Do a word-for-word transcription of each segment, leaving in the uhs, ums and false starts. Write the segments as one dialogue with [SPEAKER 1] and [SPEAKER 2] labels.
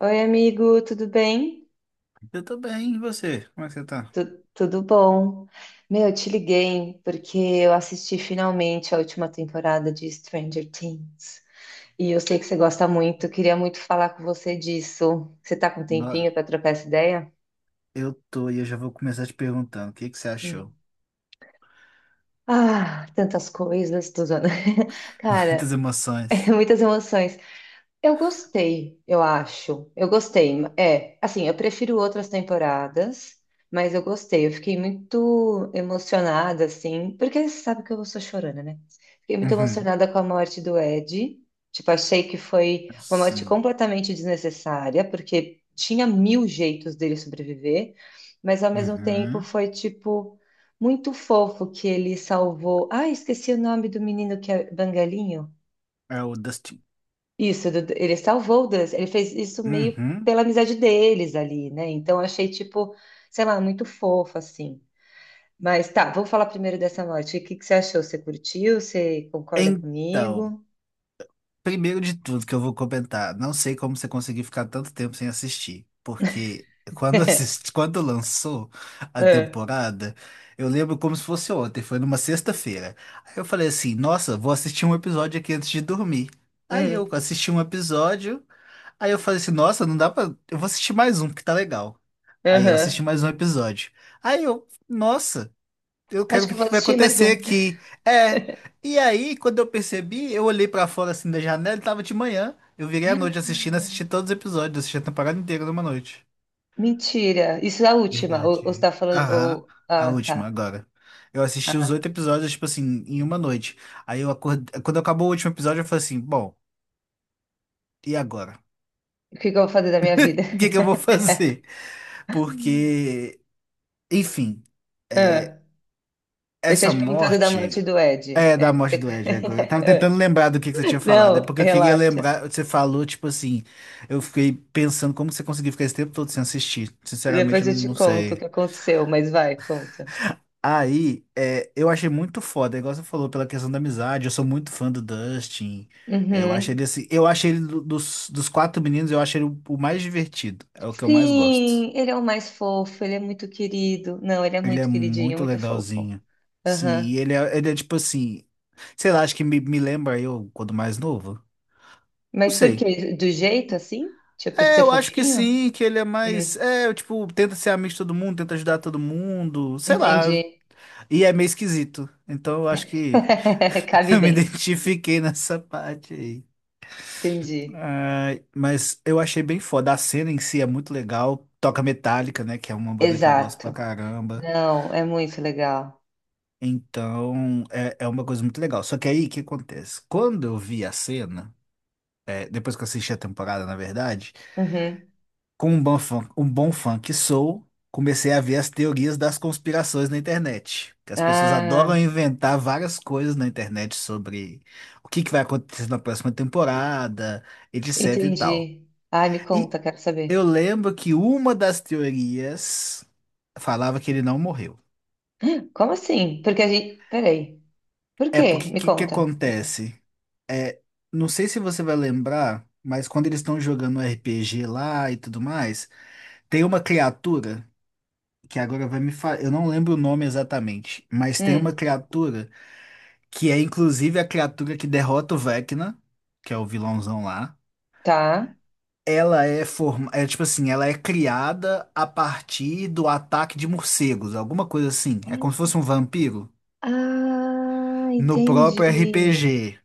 [SPEAKER 1] Oi, amigo, tudo bem?
[SPEAKER 2] Eu tô bem, e você? Como é que você tá?
[SPEAKER 1] Tu- tudo bom? Meu, eu te liguei porque eu assisti finalmente a última temporada de Stranger Things. E eu sei que você gosta muito, queria muito falar com você disso. Você tá com um
[SPEAKER 2] No-
[SPEAKER 1] tempinho para trocar essa ideia?
[SPEAKER 2] Eu tô e eu já vou começar te perguntando, o que que você achou?
[SPEAKER 1] Hum. Ah, tantas coisas, tô usando.
[SPEAKER 2] Muitas
[SPEAKER 1] Cara,
[SPEAKER 2] emoções.
[SPEAKER 1] muitas emoções. Eu gostei, eu acho. Eu gostei. É, assim, eu prefiro outras temporadas, mas eu gostei. Eu fiquei muito emocionada, assim, porque você sabe que eu sou chorona, né? Fiquei muito
[SPEAKER 2] Uhum.
[SPEAKER 1] emocionada com a morte do Ed. Tipo, achei que foi uma morte
[SPEAKER 2] Sim.
[SPEAKER 1] completamente desnecessária, porque tinha mil jeitos dele sobreviver, mas ao mesmo tempo
[SPEAKER 2] Uhum.
[SPEAKER 1] foi, tipo, muito fofo que ele salvou. Ah, esqueci o nome do menino que é Bangalinho.
[SPEAKER 2] É o Dustin.
[SPEAKER 1] Isso, do- ele salvou o Dustin, ele fez isso meio
[SPEAKER 2] Uhum.
[SPEAKER 1] pela amizade deles ali, né? Então eu achei, tipo, sei lá, muito fofo, assim. Mas tá, vamos falar primeiro dessa morte. O que que você achou? Você curtiu? Você concorda
[SPEAKER 2] Então,
[SPEAKER 1] comigo?
[SPEAKER 2] Primeiro de tudo que eu vou comentar, não sei como você conseguiu ficar tanto tempo sem assistir, porque quando assisti, quando lançou a
[SPEAKER 1] É.
[SPEAKER 2] temporada, eu lembro como se fosse ontem, foi numa sexta-feira. Aí eu falei assim, nossa, vou assistir um episódio aqui antes de dormir. Aí eu
[SPEAKER 1] Hum.
[SPEAKER 2] assisti um episódio, aí eu falei assim, nossa, não dá pra, eu vou assistir mais um, porque tá legal. Aí eu assisti
[SPEAKER 1] Aham.
[SPEAKER 2] mais um episódio. Aí eu, nossa, eu
[SPEAKER 1] Acho
[SPEAKER 2] quero
[SPEAKER 1] que
[SPEAKER 2] ver
[SPEAKER 1] eu
[SPEAKER 2] o
[SPEAKER 1] vou
[SPEAKER 2] que vai
[SPEAKER 1] assistir mais
[SPEAKER 2] acontecer
[SPEAKER 1] um.
[SPEAKER 2] aqui. É. E aí, quando eu percebi, eu olhei pra fora assim da janela e tava de manhã. Eu virei à noite assistindo, assisti todos os episódios, assisti a temporada inteira numa noite.
[SPEAKER 1] Mentira, isso é a última. Ou, ou você
[SPEAKER 2] Verdade.
[SPEAKER 1] tá falando.
[SPEAKER 2] Aham,
[SPEAKER 1] Ou...
[SPEAKER 2] a
[SPEAKER 1] Ah,
[SPEAKER 2] última
[SPEAKER 1] tá.
[SPEAKER 2] agora. Eu assisti os
[SPEAKER 1] Ah.
[SPEAKER 2] oito episódios, tipo assim, em uma noite. Aí eu acordei. Quando acabou o último episódio, eu falei assim: bom, e agora?
[SPEAKER 1] O que que eu vou fazer da minha vida?
[SPEAKER 2] O que que eu vou fazer? Porque, enfim, é,
[SPEAKER 1] Ah. Eu tinha
[SPEAKER 2] essa
[SPEAKER 1] te perguntado da morte
[SPEAKER 2] morte.
[SPEAKER 1] do Ed.
[SPEAKER 2] É,
[SPEAKER 1] É,
[SPEAKER 2] da
[SPEAKER 1] que
[SPEAKER 2] morte
[SPEAKER 1] você-
[SPEAKER 2] do Ed é, agora. Eu tava
[SPEAKER 1] Ah.
[SPEAKER 2] tentando lembrar do que que você tinha falado. É
[SPEAKER 1] Não,
[SPEAKER 2] porque eu queria
[SPEAKER 1] relaxa.
[SPEAKER 2] lembrar. Você falou, tipo assim. Eu fiquei pensando como que você conseguiu ficar esse tempo todo sem assistir. Sinceramente,
[SPEAKER 1] Depois
[SPEAKER 2] eu
[SPEAKER 1] eu te
[SPEAKER 2] não
[SPEAKER 1] conto o
[SPEAKER 2] sei.
[SPEAKER 1] que aconteceu, mas vai, conta.
[SPEAKER 2] Aí, é, eu achei muito foda, igual você falou, pela questão da amizade. Eu sou muito fã do Dustin. É, Eu achei
[SPEAKER 1] Uhum.
[SPEAKER 2] ele assim. Eu achei ele do- dos, dos quatro meninos, eu achei ele o, o mais divertido. É o que eu mais gosto.
[SPEAKER 1] Sim, ele é o mais fofo, ele é muito querido. Não, ele é
[SPEAKER 2] Ele é
[SPEAKER 1] muito queridinho,
[SPEAKER 2] muito
[SPEAKER 1] muito fofo.
[SPEAKER 2] legalzinho. Sim,
[SPEAKER 1] Aham.
[SPEAKER 2] e ele é, ele é tipo assim. Sei lá, acho que me, me lembra eu quando mais novo. Não
[SPEAKER 1] Mas por
[SPEAKER 2] sei.
[SPEAKER 1] quê? Do jeito assim? Tipo, de
[SPEAKER 2] É,
[SPEAKER 1] ser
[SPEAKER 2] eu acho que
[SPEAKER 1] fofinho?
[SPEAKER 2] sim, que ele é mais.
[SPEAKER 1] Hum,
[SPEAKER 2] É, tipo, tenta ser amigo de todo mundo, tenta ajudar todo mundo, sei lá.
[SPEAKER 1] entendi.
[SPEAKER 2] E é meio esquisito. Então eu acho que
[SPEAKER 1] Cabe
[SPEAKER 2] eu me
[SPEAKER 1] bem.
[SPEAKER 2] identifiquei nessa parte aí.
[SPEAKER 1] Entendi.
[SPEAKER 2] Ai, mas eu achei bem foda. A cena em si é muito legal. Toca Metallica, né? Que é uma banda que eu gosto pra
[SPEAKER 1] Exato.
[SPEAKER 2] caramba.
[SPEAKER 1] Não, é muito legal.
[SPEAKER 2] Então é, é uma coisa muito legal. Só que aí o que acontece? Quando eu vi a cena, é, depois que eu assisti a temporada, na verdade.
[SPEAKER 1] Uhum.
[SPEAKER 2] Com um bom fã, um bom fã que sou, comecei a ver as teorias das conspirações na internet. Que as pessoas adoram
[SPEAKER 1] Ah,
[SPEAKER 2] inventar várias coisas na internet sobre o que que vai acontecer na próxima temporada, etc e tal.
[SPEAKER 1] entendi. Ai, me
[SPEAKER 2] E
[SPEAKER 1] conta, quero
[SPEAKER 2] eu
[SPEAKER 1] saber.
[SPEAKER 2] lembro que uma das teorias falava que ele não morreu.
[SPEAKER 1] Como assim? Porque a gente. Peraí. Por
[SPEAKER 2] É
[SPEAKER 1] quê?
[SPEAKER 2] porque o
[SPEAKER 1] Me
[SPEAKER 2] que que
[SPEAKER 1] conta.
[SPEAKER 2] acontece? É, não sei se você vai lembrar, mas quando eles estão jogando R P G lá e tudo mais, tem uma criatura. que agora vai me falar. Eu não lembro o nome exatamente, mas tem uma
[SPEAKER 1] Hum,
[SPEAKER 2] criatura que é inclusive a criatura que derrota o Vecna, que é o vilãozão lá.
[SPEAKER 1] tá.
[SPEAKER 2] Ela é forma, é tipo assim, ela é criada a partir do ataque de morcegos, alguma coisa assim. É como se fosse um vampiro
[SPEAKER 1] Ah,
[SPEAKER 2] no próprio
[SPEAKER 1] entendi.
[SPEAKER 2] R P G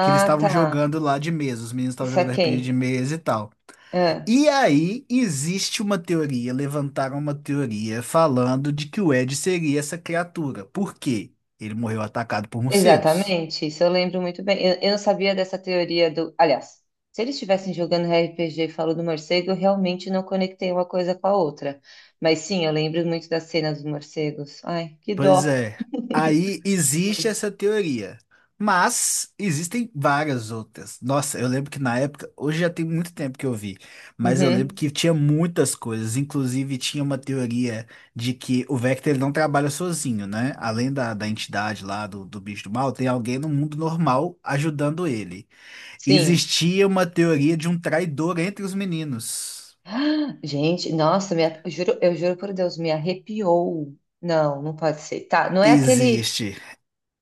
[SPEAKER 2] que eles estavam
[SPEAKER 1] tá.
[SPEAKER 2] jogando lá de mesa. Os meninos estavam jogando
[SPEAKER 1] Saquei.
[SPEAKER 2] R P G de mesa e tal.
[SPEAKER 1] Ah,
[SPEAKER 2] E aí existe uma teoria, levantaram uma teoria falando de que o Ed seria essa criatura. Por quê? Ele morreu atacado por morcegos.
[SPEAKER 1] exatamente. Isso eu lembro muito bem. Eu, eu não sabia dessa teoria do. Aliás, se eles estivessem jogando R P G e falou do morcego, eu realmente não conectei uma coisa com a outra. Mas sim, eu lembro muito da cena dos morcegos. Ai, que
[SPEAKER 2] Pois
[SPEAKER 1] dó.
[SPEAKER 2] é. Aí existe essa teoria. Mas existem várias outras. Nossa, eu lembro que na época, hoje já tem muito tempo que eu vi, mas eu lembro
[SPEAKER 1] Uhum.
[SPEAKER 2] que tinha muitas coisas. Inclusive, tinha uma teoria de que o Vector ele não trabalha sozinho, né? Além da, da entidade lá do, do bicho do mal, tem alguém no mundo normal ajudando ele.
[SPEAKER 1] Sim.
[SPEAKER 2] Existia uma teoria de um traidor entre os meninos.
[SPEAKER 1] Ah, gente, nossa, me arre- eu juro, eu juro por Deus, me arrepiou. Não, não pode ser. Tá, não é aquele.
[SPEAKER 2] Existe.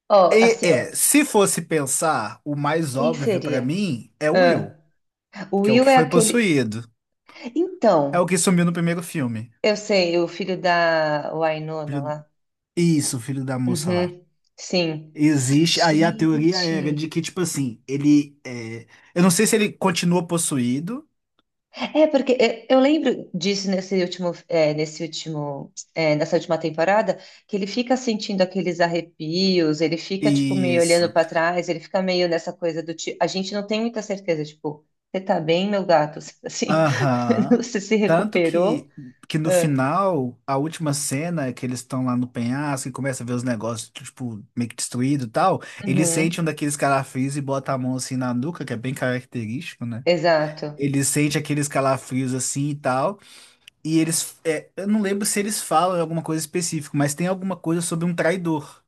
[SPEAKER 1] Ó,
[SPEAKER 2] E,
[SPEAKER 1] assim,
[SPEAKER 2] é,
[SPEAKER 1] ó.
[SPEAKER 2] se fosse pensar, o mais
[SPEAKER 1] Quem
[SPEAKER 2] óbvio pra
[SPEAKER 1] seria?
[SPEAKER 2] mim é o
[SPEAKER 1] Ah,
[SPEAKER 2] Will,
[SPEAKER 1] o
[SPEAKER 2] que é o
[SPEAKER 1] Will
[SPEAKER 2] que
[SPEAKER 1] é
[SPEAKER 2] foi
[SPEAKER 1] aquele.
[SPEAKER 2] possuído. É o
[SPEAKER 1] Então,
[SPEAKER 2] que sumiu no primeiro filme.
[SPEAKER 1] eu sei, o filho da Wynonna
[SPEAKER 2] Filho-
[SPEAKER 1] lá.
[SPEAKER 2] Isso, filho da moça lá.
[SPEAKER 1] Uhum, sim.
[SPEAKER 2] Existe. Aí a teoria era de
[SPEAKER 1] Gente.
[SPEAKER 2] que, tipo assim, ele. é, Eu não sei se ele continua possuído.
[SPEAKER 1] É, porque é, eu lembro disso nesse último, é, nesse último, é, nessa última temporada, que ele fica sentindo aqueles arrepios, ele fica, tipo, meio olhando
[SPEAKER 2] Isso.
[SPEAKER 1] para trás, ele fica meio nessa coisa do tipo. A gente não tem muita certeza, tipo, você tá bem, meu gato? Assim,
[SPEAKER 2] Aham.
[SPEAKER 1] você se
[SPEAKER 2] Tanto
[SPEAKER 1] recuperou?
[SPEAKER 2] que, que no
[SPEAKER 1] Ah,
[SPEAKER 2] final, a última cena que eles estão lá no penhasco e começa a ver os negócios, tipo, meio que destruído e tal, ele sente
[SPEAKER 1] uhum,
[SPEAKER 2] um daqueles calafrios e bota a mão assim na nuca, que é bem característico, né?
[SPEAKER 1] exato.
[SPEAKER 2] Ele sente aqueles calafrios assim e tal, e eles, é, eu não lembro se eles falam alguma coisa específica, mas tem alguma coisa sobre um traidor.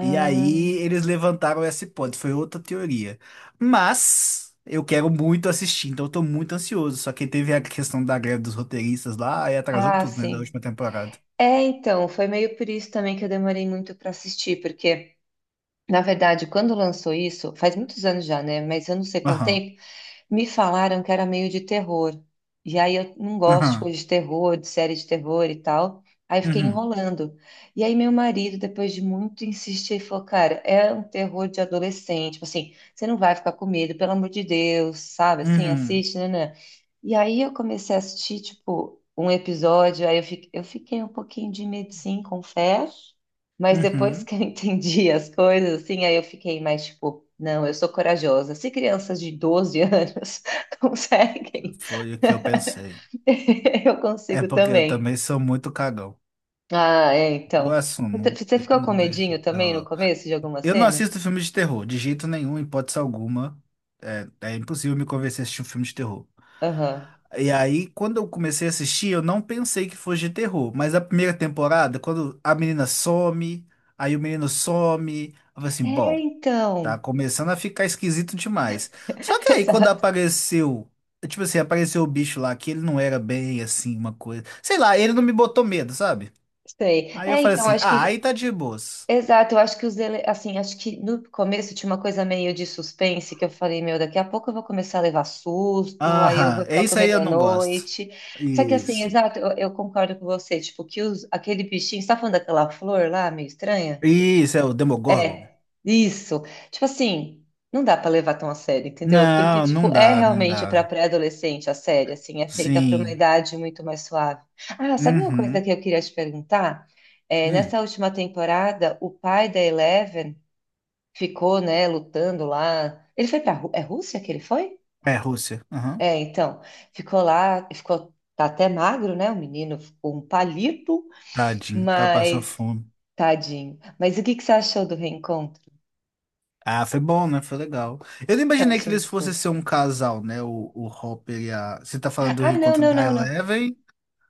[SPEAKER 2] E aí eles levantaram essa hipótese, foi outra teoria. Mas eu quero muito assistir, então eu tô muito ansioso. Só que teve a questão da greve dos roteiristas lá e atrasou
[SPEAKER 1] ah,
[SPEAKER 2] tudo, né, da
[SPEAKER 1] sim.
[SPEAKER 2] última temporada.
[SPEAKER 1] É, então, foi meio por isso também que eu demorei muito para assistir, porque, na verdade, quando lançou isso, faz muitos anos já, né? Mas eu não sei quanto
[SPEAKER 2] Aham,
[SPEAKER 1] tempo. Me falaram que era meio de terror. E aí eu não gosto de
[SPEAKER 2] aham,
[SPEAKER 1] coisa de terror, de série de terror e tal. Aí fiquei
[SPEAKER 2] uhum,
[SPEAKER 1] enrolando. E aí meu marido, depois de muito insistir, falou: Cara, é um terror de adolescente. Tipo assim, você não vai ficar com medo, pelo amor de Deus, sabe? Assim,
[SPEAKER 2] uhum,
[SPEAKER 1] assiste, né? Né. E aí eu comecei a assistir, tipo, um episódio. Aí eu fiquei, eu fiquei um pouquinho de medo, sim, confesso. Mas depois
[SPEAKER 2] uhum.
[SPEAKER 1] que eu entendi as coisas, assim, aí eu fiquei mais tipo, não, eu sou corajosa. Se crianças de doze anos conseguem,
[SPEAKER 2] Foi o que eu pensei.
[SPEAKER 1] eu
[SPEAKER 2] É
[SPEAKER 1] consigo
[SPEAKER 2] porque eu
[SPEAKER 1] também.
[SPEAKER 2] também sou muito cagão.
[SPEAKER 1] Ah, é,
[SPEAKER 2] Eu
[SPEAKER 1] então.
[SPEAKER 2] assumo.
[SPEAKER 1] Você
[SPEAKER 2] Eu
[SPEAKER 1] ficou com
[SPEAKER 2] não vejo filme
[SPEAKER 1] medinho
[SPEAKER 2] de
[SPEAKER 1] também no
[SPEAKER 2] terror.
[SPEAKER 1] começo de algumas
[SPEAKER 2] Eu não
[SPEAKER 1] cenas?
[SPEAKER 2] assisto filme de terror, de jeito nenhum, hipótese alguma. É, é impossível me convencer a assistir um filme de terror.
[SPEAKER 1] Aham.
[SPEAKER 2] E aí, quando eu comecei a assistir, eu não pensei que fosse de terror. Mas a primeira temporada, quando a menina some, aí o menino some, eu falei assim,
[SPEAKER 1] É,
[SPEAKER 2] bom, tá
[SPEAKER 1] então.
[SPEAKER 2] começando a ficar esquisito demais. Só que aí, quando
[SPEAKER 1] Exato.
[SPEAKER 2] apareceu, tipo assim, apareceu o bicho lá, que ele não era bem assim, uma coisa. Sei lá, ele não me botou medo, sabe?
[SPEAKER 1] Sei.
[SPEAKER 2] Aí eu
[SPEAKER 1] É,
[SPEAKER 2] falei
[SPEAKER 1] então,
[SPEAKER 2] assim,
[SPEAKER 1] acho que
[SPEAKER 2] ah, aí tá de boas.
[SPEAKER 1] exato, eu acho que os ele... assim, acho que no começo tinha uma coisa meio de suspense que eu falei, meu, daqui a pouco eu vou começar a levar susto, aí eu vou
[SPEAKER 2] Aham, é
[SPEAKER 1] ficar
[SPEAKER 2] isso aí
[SPEAKER 1] comendo
[SPEAKER 2] eu
[SPEAKER 1] à
[SPEAKER 2] não gosto.
[SPEAKER 1] noite. Só que assim,
[SPEAKER 2] Isso.
[SPEAKER 1] exato, eu, eu concordo com você, tipo, que os... aquele bichinho, você tá falando daquela flor lá, meio estranha?
[SPEAKER 2] Isso, é o Demogorgon.
[SPEAKER 1] É, isso. Tipo assim, não dá pra levar tão a sério, entendeu? Porque,
[SPEAKER 2] Não,
[SPEAKER 1] tipo,
[SPEAKER 2] não
[SPEAKER 1] é
[SPEAKER 2] dá, não
[SPEAKER 1] realmente pra
[SPEAKER 2] dá.
[SPEAKER 1] pré-adolescente a série, assim, é feita pra uma
[SPEAKER 2] Sim.
[SPEAKER 1] idade muito mais suave. Ah, sabe uma coisa
[SPEAKER 2] Uhum.
[SPEAKER 1] que eu queria te perguntar? É,
[SPEAKER 2] Hum.
[SPEAKER 1] nessa última temporada, o pai da Eleven ficou, né, lutando lá. Ele foi pra Rú- é Rússia que ele foi?
[SPEAKER 2] É, Rússia. Uhum.
[SPEAKER 1] É, então, ficou lá, ficou, tá até magro, né? O menino ficou um palito,
[SPEAKER 2] Tadinho, tá passando
[SPEAKER 1] mas
[SPEAKER 2] fome.
[SPEAKER 1] tadinho. Mas o que que você achou do reencontro?
[SPEAKER 2] Ah, foi bom, né? Foi legal. Eu não
[SPEAKER 1] Eu
[SPEAKER 2] imaginei que
[SPEAKER 1] achei
[SPEAKER 2] eles
[SPEAKER 1] muito
[SPEAKER 2] fossem
[SPEAKER 1] fofo.
[SPEAKER 2] ser um casal, né? O, o Hopper e a. Você tá falando do
[SPEAKER 1] Ah, não,
[SPEAKER 2] encontro
[SPEAKER 1] não,
[SPEAKER 2] da
[SPEAKER 1] não, não.
[SPEAKER 2] Eleven?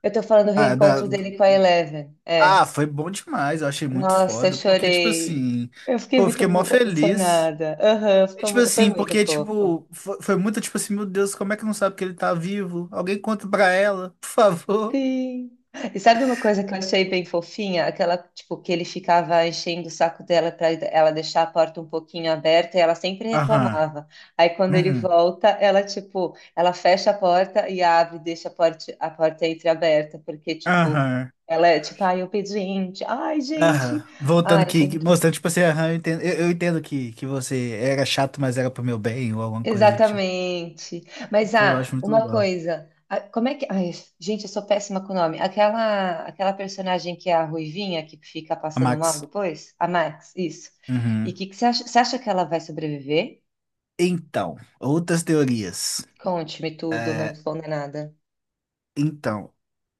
[SPEAKER 1] Eu tô falando do
[SPEAKER 2] Ah, da...
[SPEAKER 1] reencontro dele com a Eleven.
[SPEAKER 2] ah,
[SPEAKER 1] É.
[SPEAKER 2] foi bom demais. Eu achei muito
[SPEAKER 1] Nossa, eu
[SPEAKER 2] foda. Porque, tipo
[SPEAKER 1] chorei.
[SPEAKER 2] assim.
[SPEAKER 1] Eu fiquei
[SPEAKER 2] Pô, eu
[SPEAKER 1] muito
[SPEAKER 2] fiquei mó
[SPEAKER 1] bo-
[SPEAKER 2] feliz.
[SPEAKER 1] emocionada. Aham,
[SPEAKER 2] E,
[SPEAKER 1] ficou
[SPEAKER 2] tipo
[SPEAKER 1] mu- foi
[SPEAKER 2] assim,
[SPEAKER 1] muito
[SPEAKER 2] porque,
[SPEAKER 1] fofo.
[SPEAKER 2] tipo. Foi, foi muito tipo assim: meu Deus, como é que não sabe que ele tá vivo? Alguém conta pra ela, por favor.
[SPEAKER 1] Sim. E sabe uma coisa que eu achei bem fofinha? Aquela, tipo, que ele ficava enchendo o saco dela para ela deixar a porta um pouquinho aberta e ela sempre
[SPEAKER 2] Aham.
[SPEAKER 1] reclamava. Aí quando ele
[SPEAKER 2] Uhum.
[SPEAKER 1] volta, ela, tipo, ela fecha a porta e abre, deixa a porta, a porta entreaberta, porque, tipo,
[SPEAKER 2] Aham.
[SPEAKER 1] ela é, tipo, ai, obediente. Ai, gente.
[SPEAKER 2] Aham,
[SPEAKER 1] Ai,
[SPEAKER 2] voltando que,
[SPEAKER 1] achei
[SPEAKER 2] que- mostrando, tipo assim, aham, eu entendo, eu, eu entendo que, que você era chato, mas era pro meu bem, ou alguma coisa do tipo.
[SPEAKER 1] exatamente. Mas
[SPEAKER 2] Pô, Eu acho
[SPEAKER 1] ah,
[SPEAKER 2] muito
[SPEAKER 1] uma
[SPEAKER 2] legal.
[SPEAKER 1] coisa, ah, como é que, ai, gente, eu sou péssima com o nome. Aquela, aquela personagem que é a Ruivinha que fica
[SPEAKER 2] A
[SPEAKER 1] passando mal
[SPEAKER 2] Max.
[SPEAKER 1] depois, a Max, isso. E
[SPEAKER 2] Uhum.
[SPEAKER 1] que que você acha, você acha que ela vai sobreviver?
[SPEAKER 2] Então, outras teorias.
[SPEAKER 1] Conte-me tudo, não me
[SPEAKER 2] É,
[SPEAKER 1] esconda nada.
[SPEAKER 2] então,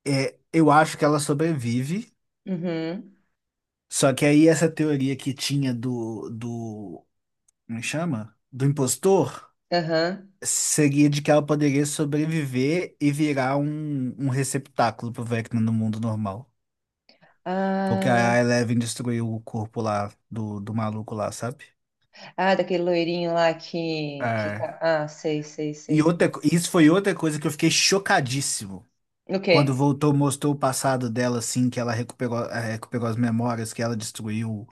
[SPEAKER 2] é, eu acho que ela sobrevive,
[SPEAKER 1] Uhum.
[SPEAKER 2] só que aí essa teoria que tinha do, do, como chama? Do impostor,
[SPEAKER 1] Aham.
[SPEAKER 2] seria de que ela poderia sobreviver e virar um, um receptáculo pro Vecna no mundo normal. Porque
[SPEAKER 1] Ah,
[SPEAKER 2] a Eleven destruiu o corpo lá do, do maluco lá, sabe?
[SPEAKER 1] ah, daquele loirinho lá que, que
[SPEAKER 2] É.
[SPEAKER 1] tá. Ah, sei, sei,
[SPEAKER 2] E
[SPEAKER 1] sei.
[SPEAKER 2] outra, co- isso foi outra coisa que eu fiquei chocadíssimo.
[SPEAKER 1] O quê?
[SPEAKER 2] Quando voltou, mostrou o passado dela, assim, que ela recuperou, eh, recuperou as memórias, que ela destruiu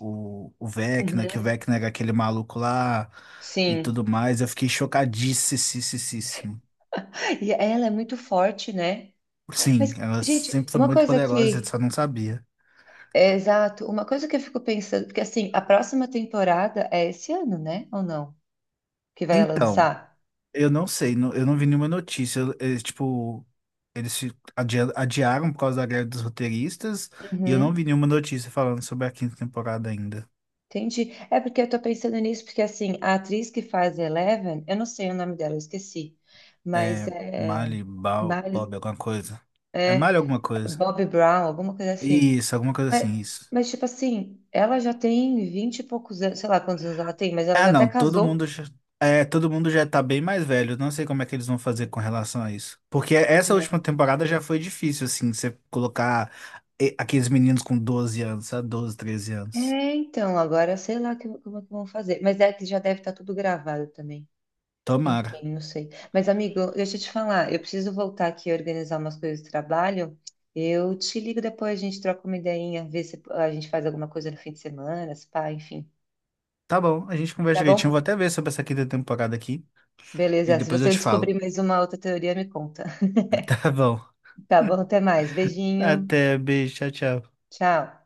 [SPEAKER 2] o, o Vecna, que o
[SPEAKER 1] Uhum.
[SPEAKER 2] Vecna era aquele maluco lá e tudo
[SPEAKER 1] Sim.
[SPEAKER 2] mais. Eu fiquei chocadíssimo.
[SPEAKER 1] E ela é muito forte, né?
[SPEAKER 2] Sim,
[SPEAKER 1] Mas,
[SPEAKER 2] ela
[SPEAKER 1] gente,
[SPEAKER 2] sempre foi
[SPEAKER 1] uma
[SPEAKER 2] muito
[SPEAKER 1] coisa
[SPEAKER 2] poderosa, eu
[SPEAKER 1] que
[SPEAKER 2] só não sabia.
[SPEAKER 1] é, exato. Uma coisa que eu fico pensando, porque assim, a próxima temporada é esse ano, né? Ou não? Que vai
[SPEAKER 2] Então.
[SPEAKER 1] lançar?
[SPEAKER 2] Eu não sei, não- eu não vi nenhuma notícia. Eu- Eles, tipo, eles se adia- adiaram por causa da greve dos roteiristas e eu não vi
[SPEAKER 1] Uhum.
[SPEAKER 2] nenhuma notícia falando sobre a quinta temporada ainda.
[SPEAKER 1] Entendi. É porque eu tô pensando nisso, porque assim, a atriz que faz Eleven, eu não sei o nome dela, eu esqueci. Mas
[SPEAKER 2] É
[SPEAKER 1] é.
[SPEAKER 2] Mali, Bal,
[SPEAKER 1] Mar...
[SPEAKER 2] Bob, alguma coisa. É
[SPEAKER 1] É.
[SPEAKER 2] Mali alguma coisa.
[SPEAKER 1] Bobby Brown, alguma coisa assim.
[SPEAKER 2] Isso, alguma coisa
[SPEAKER 1] Mas,
[SPEAKER 2] assim, isso.
[SPEAKER 1] mas, tipo assim, ela já tem vinte e poucos anos, sei lá quantos anos ela tem, mas ela
[SPEAKER 2] Ah,
[SPEAKER 1] já até
[SPEAKER 2] não, todo
[SPEAKER 1] casou.
[SPEAKER 2] mundo já, é, todo mundo já tá bem mais velho. Eu Não sei como é que eles vão fazer com relação a isso. Porque essa última
[SPEAKER 1] Né?
[SPEAKER 2] temporada já foi difícil, assim, você colocar eh, aqueles meninos com doze anos, sabe? doze, treze anos.
[SPEAKER 1] É, então, agora sei lá que- como é que vão fazer. Mas é que já deve estar tudo gravado também.
[SPEAKER 2] Tomara.
[SPEAKER 1] Enfim, não sei. Mas, amigo, deixa eu te falar, eu preciso voltar aqui e organizar umas coisas do trabalho. Eu te ligo depois, a gente troca uma ideinha, vê se a gente faz alguma coisa no fim de semana, se pá, enfim.
[SPEAKER 2] Tá bom, a gente conversa
[SPEAKER 1] Tá
[SPEAKER 2] direitinho. Vou
[SPEAKER 1] bom?
[SPEAKER 2] até ver sobre essa quinta temporada aqui e
[SPEAKER 1] Beleza, se
[SPEAKER 2] depois eu
[SPEAKER 1] você
[SPEAKER 2] te
[SPEAKER 1] descobrir
[SPEAKER 2] falo.
[SPEAKER 1] mais uma outra teoria, me conta.
[SPEAKER 2] Tá bom.
[SPEAKER 1] Tá bom, até mais. Beijinho.
[SPEAKER 2] Até, beijo, tchau, tchau.
[SPEAKER 1] Tchau.